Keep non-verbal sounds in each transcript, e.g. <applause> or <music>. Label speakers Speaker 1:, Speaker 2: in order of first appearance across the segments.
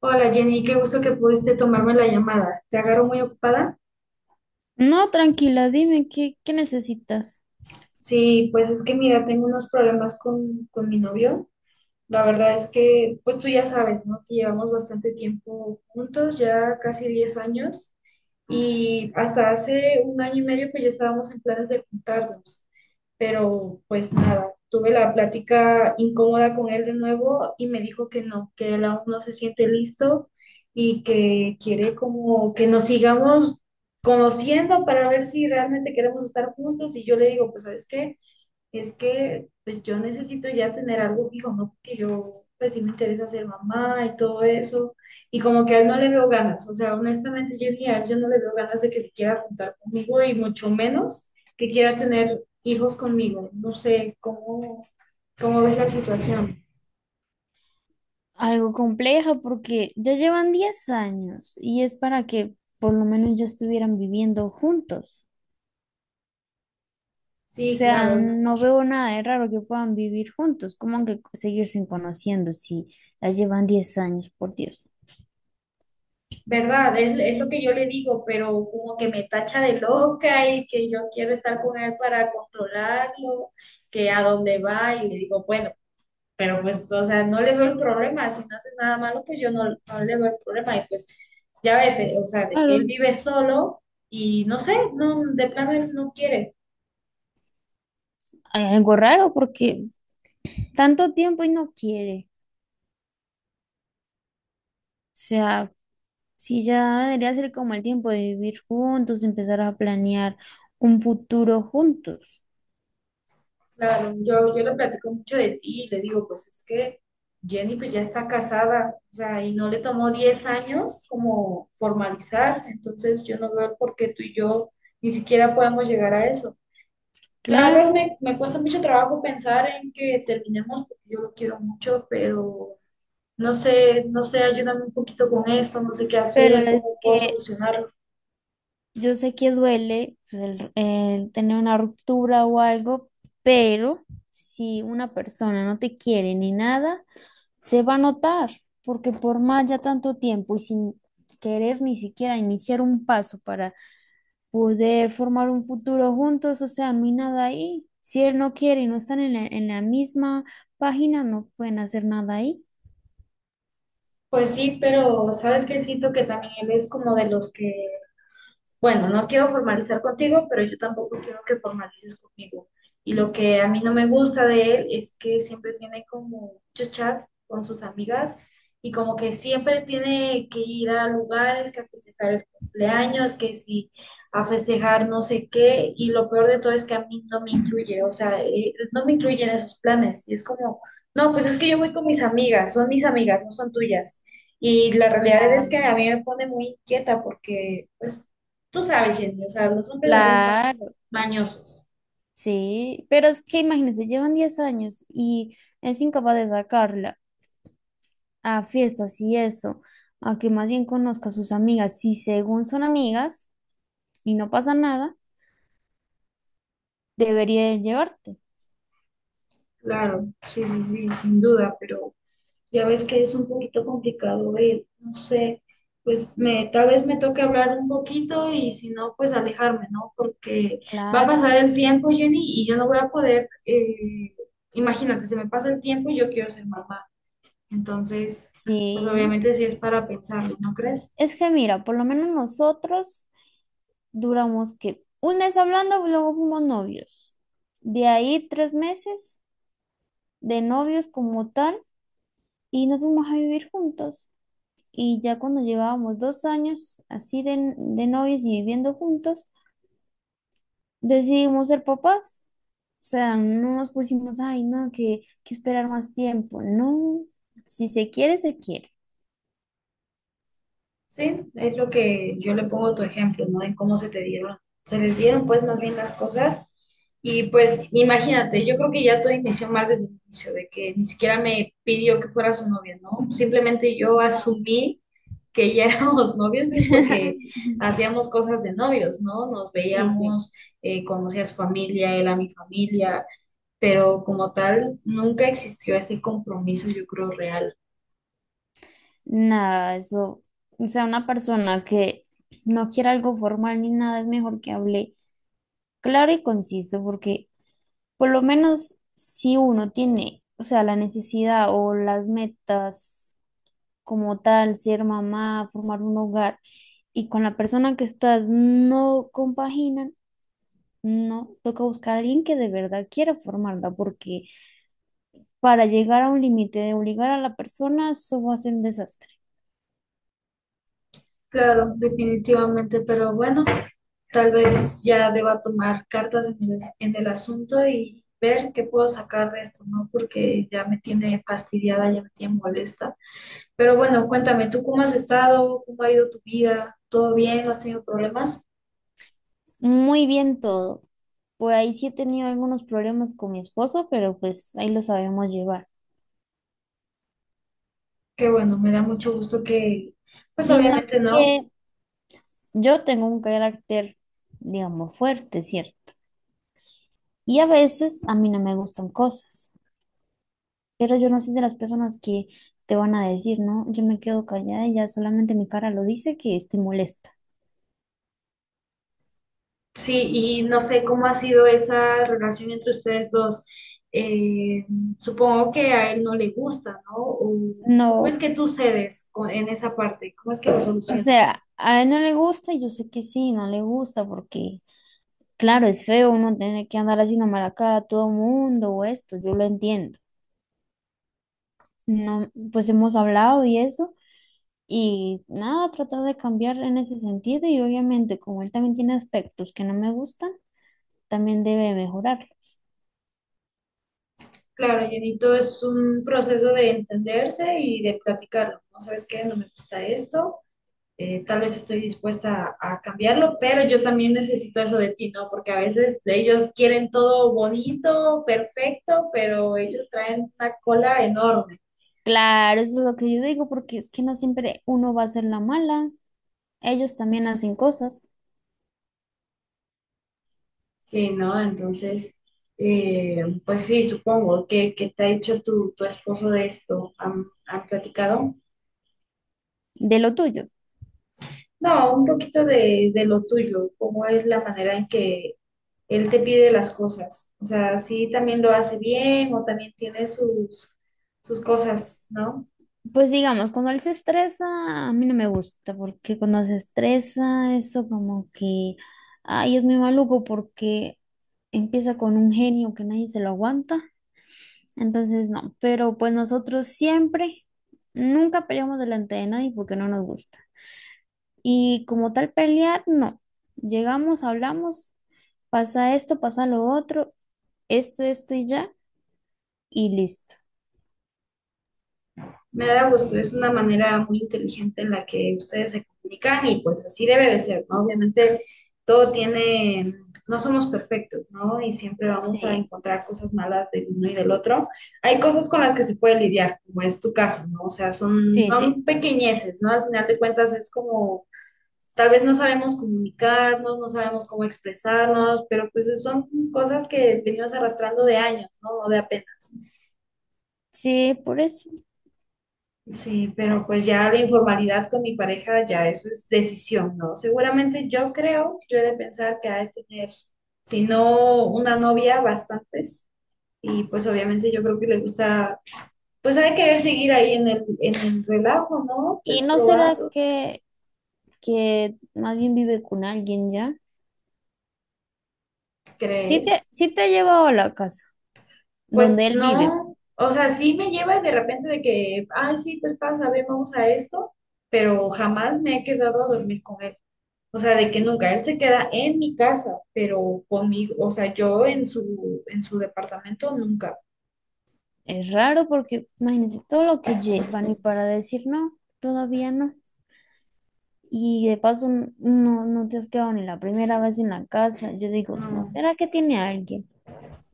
Speaker 1: Hola Jenny, qué gusto que pudiste tomarme la llamada. ¿Te agarro muy ocupada?
Speaker 2: No, tranquila, dime qué necesitas.
Speaker 1: Sí, pues es que mira, tengo unos problemas con mi novio. La verdad es que, pues tú ya sabes, ¿no? Que llevamos bastante tiempo juntos, ya casi 10 años. Y hasta hace un año y medio pues ya estábamos en planes de juntarnos, pero pues nada, tuve la plática incómoda con él de nuevo y me dijo que no, que él aún no se siente listo y que quiere como que nos sigamos conociendo para ver si realmente queremos estar juntos y yo le digo, pues ¿sabes qué? Es que pues yo necesito ya tener algo fijo, ¿no? Porque yo pues sí me interesa ser mamá y todo eso. Y como que a él no le veo ganas. O sea, honestamente yo ni a él yo no le veo ganas de que se quiera juntar conmigo y mucho menos que quiera tener hijos conmigo. No sé cómo ves la situación.
Speaker 2: Algo complejo porque ya llevan 10 años y es para que por lo menos ya estuvieran viviendo juntos. O
Speaker 1: Sí,
Speaker 2: sea,
Speaker 1: claro.
Speaker 2: no veo nada de raro que puedan vivir juntos. ¿Cómo que seguirse conociendo si ya llevan 10 años, por Dios?
Speaker 1: Verdad, es lo que yo le digo, pero como que me tacha de loca y que yo quiero estar con él para controlarlo, que a dónde va y le digo, bueno, pero pues, o sea, no le veo el problema, si no haces nada malo, pues yo no, no le veo el problema y pues ya ves, o sea, de que él
Speaker 2: Claro.
Speaker 1: vive solo y no sé, no, de plano él no quiere.
Speaker 2: Hay algo raro porque tanto tiempo y no quiere. O sea, si ya debería ser como el tiempo de vivir juntos, empezar a planear un futuro juntos.
Speaker 1: Claro, yo le platico mucho de ti y le digo, pues es que Jenny pues ya está casada, o sea, y no le tomó 10 años como formalizar, entonces yo no veo por qué tú y yo ni siquiera podemos llegar a eso. La verdad
Speaker 2: Claro.
Speaker 1: me cuesta mucho trabajo pensar en que terminemos porque yo lo quiero mucho, pero no sé, no sé, ayúdame un poquito con esto, no sé qué
Speaker 2: Pero
Speaker 1: hacer,
Speaker 2: es
Speaker 1: cómo puedo
Speaker 2: que
Speaker 1: solucionarlo.
Speaker 2: yo sé que duele pues, el tener una ruptura o algo, pero si una persona no te quiere ni nada, se va a notar, porque por más ya tanto tiempo y sin querer ni siquiera iniciar un paso para poder formar un futuro juntos, o sea, no hay nada ahí. Si él no quiere y no están en la misma página, no pueden hacer nada ahí.
Speaker 1: Pues sí, pero sabes que siento que también él es como de los que bueno, no quiero formalizar contigo, pero yo tampoco quiero que formalices conmigo. Y lo que a mí no me gusta de él es que siempre tiene como mucho chat con sus amigas y como que siempre tiene que ir a lugares, que a festejar el cumpleaños, que si a festejar no sé qué. Y lo peor de todo es que a mí no me incluye, o sea, no me incluye en esos planes. Y es como, no, pues es que yo voy con mis amigas, son mis amigas, no son tuyas. Y la realidad es que a mí me pone muy inquieta porque, pues, tú sabes, Jenny, o sea, los hombres a veces son
Speaker 2: Claro.
Speaker 1: mañosos.
Speaker 2: Sí, pero es que imagínense, llevan 10 años y es incapaz de sacarla a fiestas y eso, a que más bien conozca a sus amigas. Si según son amigas y no pasa nada, debería de llevarte.
Speaker 1: Claro, sí, sí, sí, sin duda, pero ya ves que es un poquito complicado, no sé, pues me, tal vez me toque hablar un poquito y si no, pues alejarme, ¿no? Porque va a
Speaker 2: Claro,
Speaker 1: pasar el tiempo, Jenny, y yo no voy a poder, imagínate, se me pasa el tiempo y yo quiero ser mamá. Entonces, pues
Speaker 2: sí.
Speaker 1: obviamente sí es para pensarlo, ¿no crees?
Speaker 2: Es que mira, por lo menos nosotros duramos que un mes hablando, luego fuimos novios. De ahí 3 meses de novios como tal y nos fuimos a vivir juntos. Y ya cuando llevábamos 2 años así de novios y viviendo juntos, decidimos ser papás. O sea, no nos pusimos, ay, no, que esperar más tiempo. No, si se quiere, se quiere.
Speaker 1: Sí, es lo que yo le pongo tu ejemplo, ¿no? De cómo se te dieron, se les dieron pues más bien las cosas. Y pues imagínate, yo creo que ya todo inició mal desde el inicio, de que ni siquiera me pidió que fuera su novia, ¿no? Simplemente yo
Speaker 2: Nada.
Speaker 1: asumí que ya <laughs> éramos novios, pues porque
Speaker 2: <laughs>
Speaker 1: hacíamos cosas de novios, ¿no? Nos
Speaker 2: Sí, sí.
Speaker 1: veíamos, conocía a su familia, él a mi familia, pero como tal, nunca existió ese compromiso, yo creo, real.
Speaker 2: Nada, eso. O sea, una persona que no quiera algo formal ni nada, es mejor que hable claro y conciso, porque por lo menos si uno tiene, o sea, la necesidad o las metas como tal, ser mamá, formar un hogar, y con la persona que estás no compaginan, no, toca buscar a alguien que de verdad quiera formarla, porque para llegar a un límite de obligar a la persona, eso va a ser un desastre.
Speaker 1: Claro, definitivamente, pero bueno, tal vez ya deba tomar cartas en el asunto y ver qué puedo sacar de esto, ¿no? Porque ya me tiene fastidiada, ya me tiene molesta. Pero bueno, cuéntame, ¿tú cómo has estado? ¿Cómo ha ido tu vida? ¿Todo bien? ¿No has tenido problemas?
Speaker 2: Muy bien todo. Por ahí sí he tenido algunos problemas con mi esposo, pero pues ahí lo sabemos llevar.
Speaker 1: Que bueno, me da mucho gusto que, pues
Speaker 2: Sino
Speaker 1: obviamente no.
Speaker 2: que yo tengo un carácter, digamos, fuerte, ¿cierto? Y a veces a mí no me gustan cosas. Pero yo no soy de las personas que te van a decir, ¿no? Yo me quedo callada y ya solamente mi cara lo dice que estoy molesta.
Speaker 1: Sí, y no sé cómo ha sido esa relación entre ustedes dos. Eh, Supongo que a él no le gusta, ¿no? O, ¿cómo es
Speaker 2: No,
Speaker 1: que tú cedes con- en esa parte? ¿Cómo es que lo
Speaker 2: o
Speaker 1: solucionas?
Speaker 2: sea, a él no le gusta y yo sé que sí, no le gusta porque, claro, es feo uno tener que andar haciendo mala cara a todo mundo o esto, yo lo entiendo. No, pues hemos hablado y eso. Y nada, tratar de cambiar en ese sentido y obviamente como él también tiene aspectos que no me gustan, también debe mejorar.
Speaker 1: Claro, llenito es un proceso de entenderse y de platicarlo. No sabes qué, no me gusta esto, tal vez estoy dispuesta a cambiarlo, pero yo también necesito eso de ti, ¿no? Porque a veces ellos quieren todo bonito, perfecto, pero ellos traen una cola enorme,
Speaker 2: Claro, eso es lo que yo digo, porque es que no siempre uno va a ser la mala. Ellos también hacen cosas
Speaker 1: ¿sí, no? Entonces, pues sí, supongo. ¿Qué te ha dicho tu esposo de esto? ¿Han platicado?
Speaker 2: de lo tuyo.
Speaker 1: No, un poquito de lo tuyo, cómo es la manera en que él te pide las cosas. O sea, si también lo hace bien o también tiene sus, sus cosas, ¿no?
Speaker 2: Pues digamos, cuando él se estresa, a mí no me gusta, porque cuando se estresa, eso como que, ay, es muy maluco porque empieza con un genio que nadie se lo aguanta. Entonces, no, pero pues nosotros siempre, nunca peleamos delante de nadie porque no nos gusta. Y como tal pelear, no. Llegamos, hablamos, pasa esto, pasa lo otro esto, esto y ya, y listo.
Speaker 1: Me da gusto, es una manera muy inteligente en la que ustedes se comunican y pues así debe de ser, ¿no? Obviamente todo tiene, no somos perfectos, ¿no? Y siempre vamos a
Speaker 2: Sí,
Speaker 1: encontrar cosas malas del uno y del otro. Hay cosas con las que se puede lidiar, como es tu caso, ¿no? O sea, son,
Speaker 2: sí, sí,
Speaker 1: son pequeñeces, ¿no? Al final de cuentas es como tal vez no sabemos comunicarnos, no sabemos cómo expresarnos, pero pues son cosas que venimos arrastrando de años, ¿no? No de apenas.
Speaker 2: sí, por eso.
Speaker 1: Sí, pero pues ya la informalidad con mi pareja, ya eso es decisión, ¿no? Seguramente yo creo, yo he de pensar que ha de tener, si no una novia, bastantes. Y pues obviamente yo creo que le gusta, pues ha de querer seguir ahí en el relajo, ¿no?
Speaker 2: ¿Y
Speaker 1: Pues
Speaker 2: no será
Speaker 1: probando,
Speaker 2: que más bien vive con alguien ya? Sí te,
Speaker 1: ¿crees?
Speaker 2: sí te ha llevado a la casa
Speaker 1: Pues
Speaker 2: donde él vive.
Speaker 1: no, o sea, sí me lleva de repente de que, ay, sí, pues pasa, ven, vamos a esto, pero jamás me he quedado a dormir con él. O sea, de que nunca, él se queda en mi casa, pero conmigo, o sea, yo en su departamento nunca.
Speaker 2: Es raro porque imagínense todo lo que llevan y para decir no, todavía no. Y de paso no te has quedado ni la primera vez en la casa. Yo digo, ¿no
Speaker 1: No.
Speaker 2: será que tiene a alguien?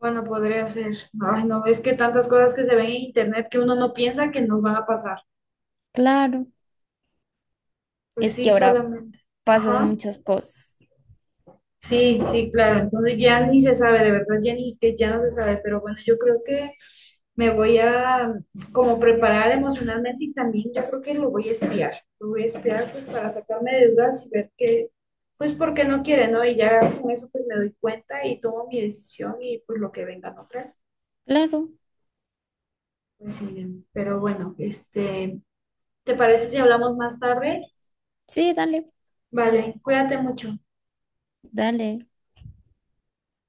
Speaker 1: Bueno, podría ser. Ay, no, es que tantas cosas que se ven en internet que uno no piensa que nos van a pasar.
Speaker 2: Claro,
Speaker 1: Pues
Speaker 2: es que
Speaker 1: sí,
Speaker 2: ahora
Speaker 1: solamente.
Speaker 2: pasan
Speaker 1: Ajá.
Speaker 2: muchas cosas.
Speaker 1: Sí, sí, claro. Entonces ya ni se sabe, de verdad, ya ni que ya no se sabe, pero bueno, yo creo que me voy a como preparar emocionalmente y también yo creo que lo voy a espiar, lo voy a espiar pues para sacarme de dudas y ver que, pues porque no quiere, ¿no? Y ya con eso pues me doy cuenta y tomo mi decisión y pues lo que vengan otras,
Speaker 2: Claro,
Speaker 1: pues miren, pero bueno, este, ¿te parece si hablamos más tarde?
Speaker 2: sí, dale,
Speaker 1: Vale, cuídate mucho.
Speaker 2: dale.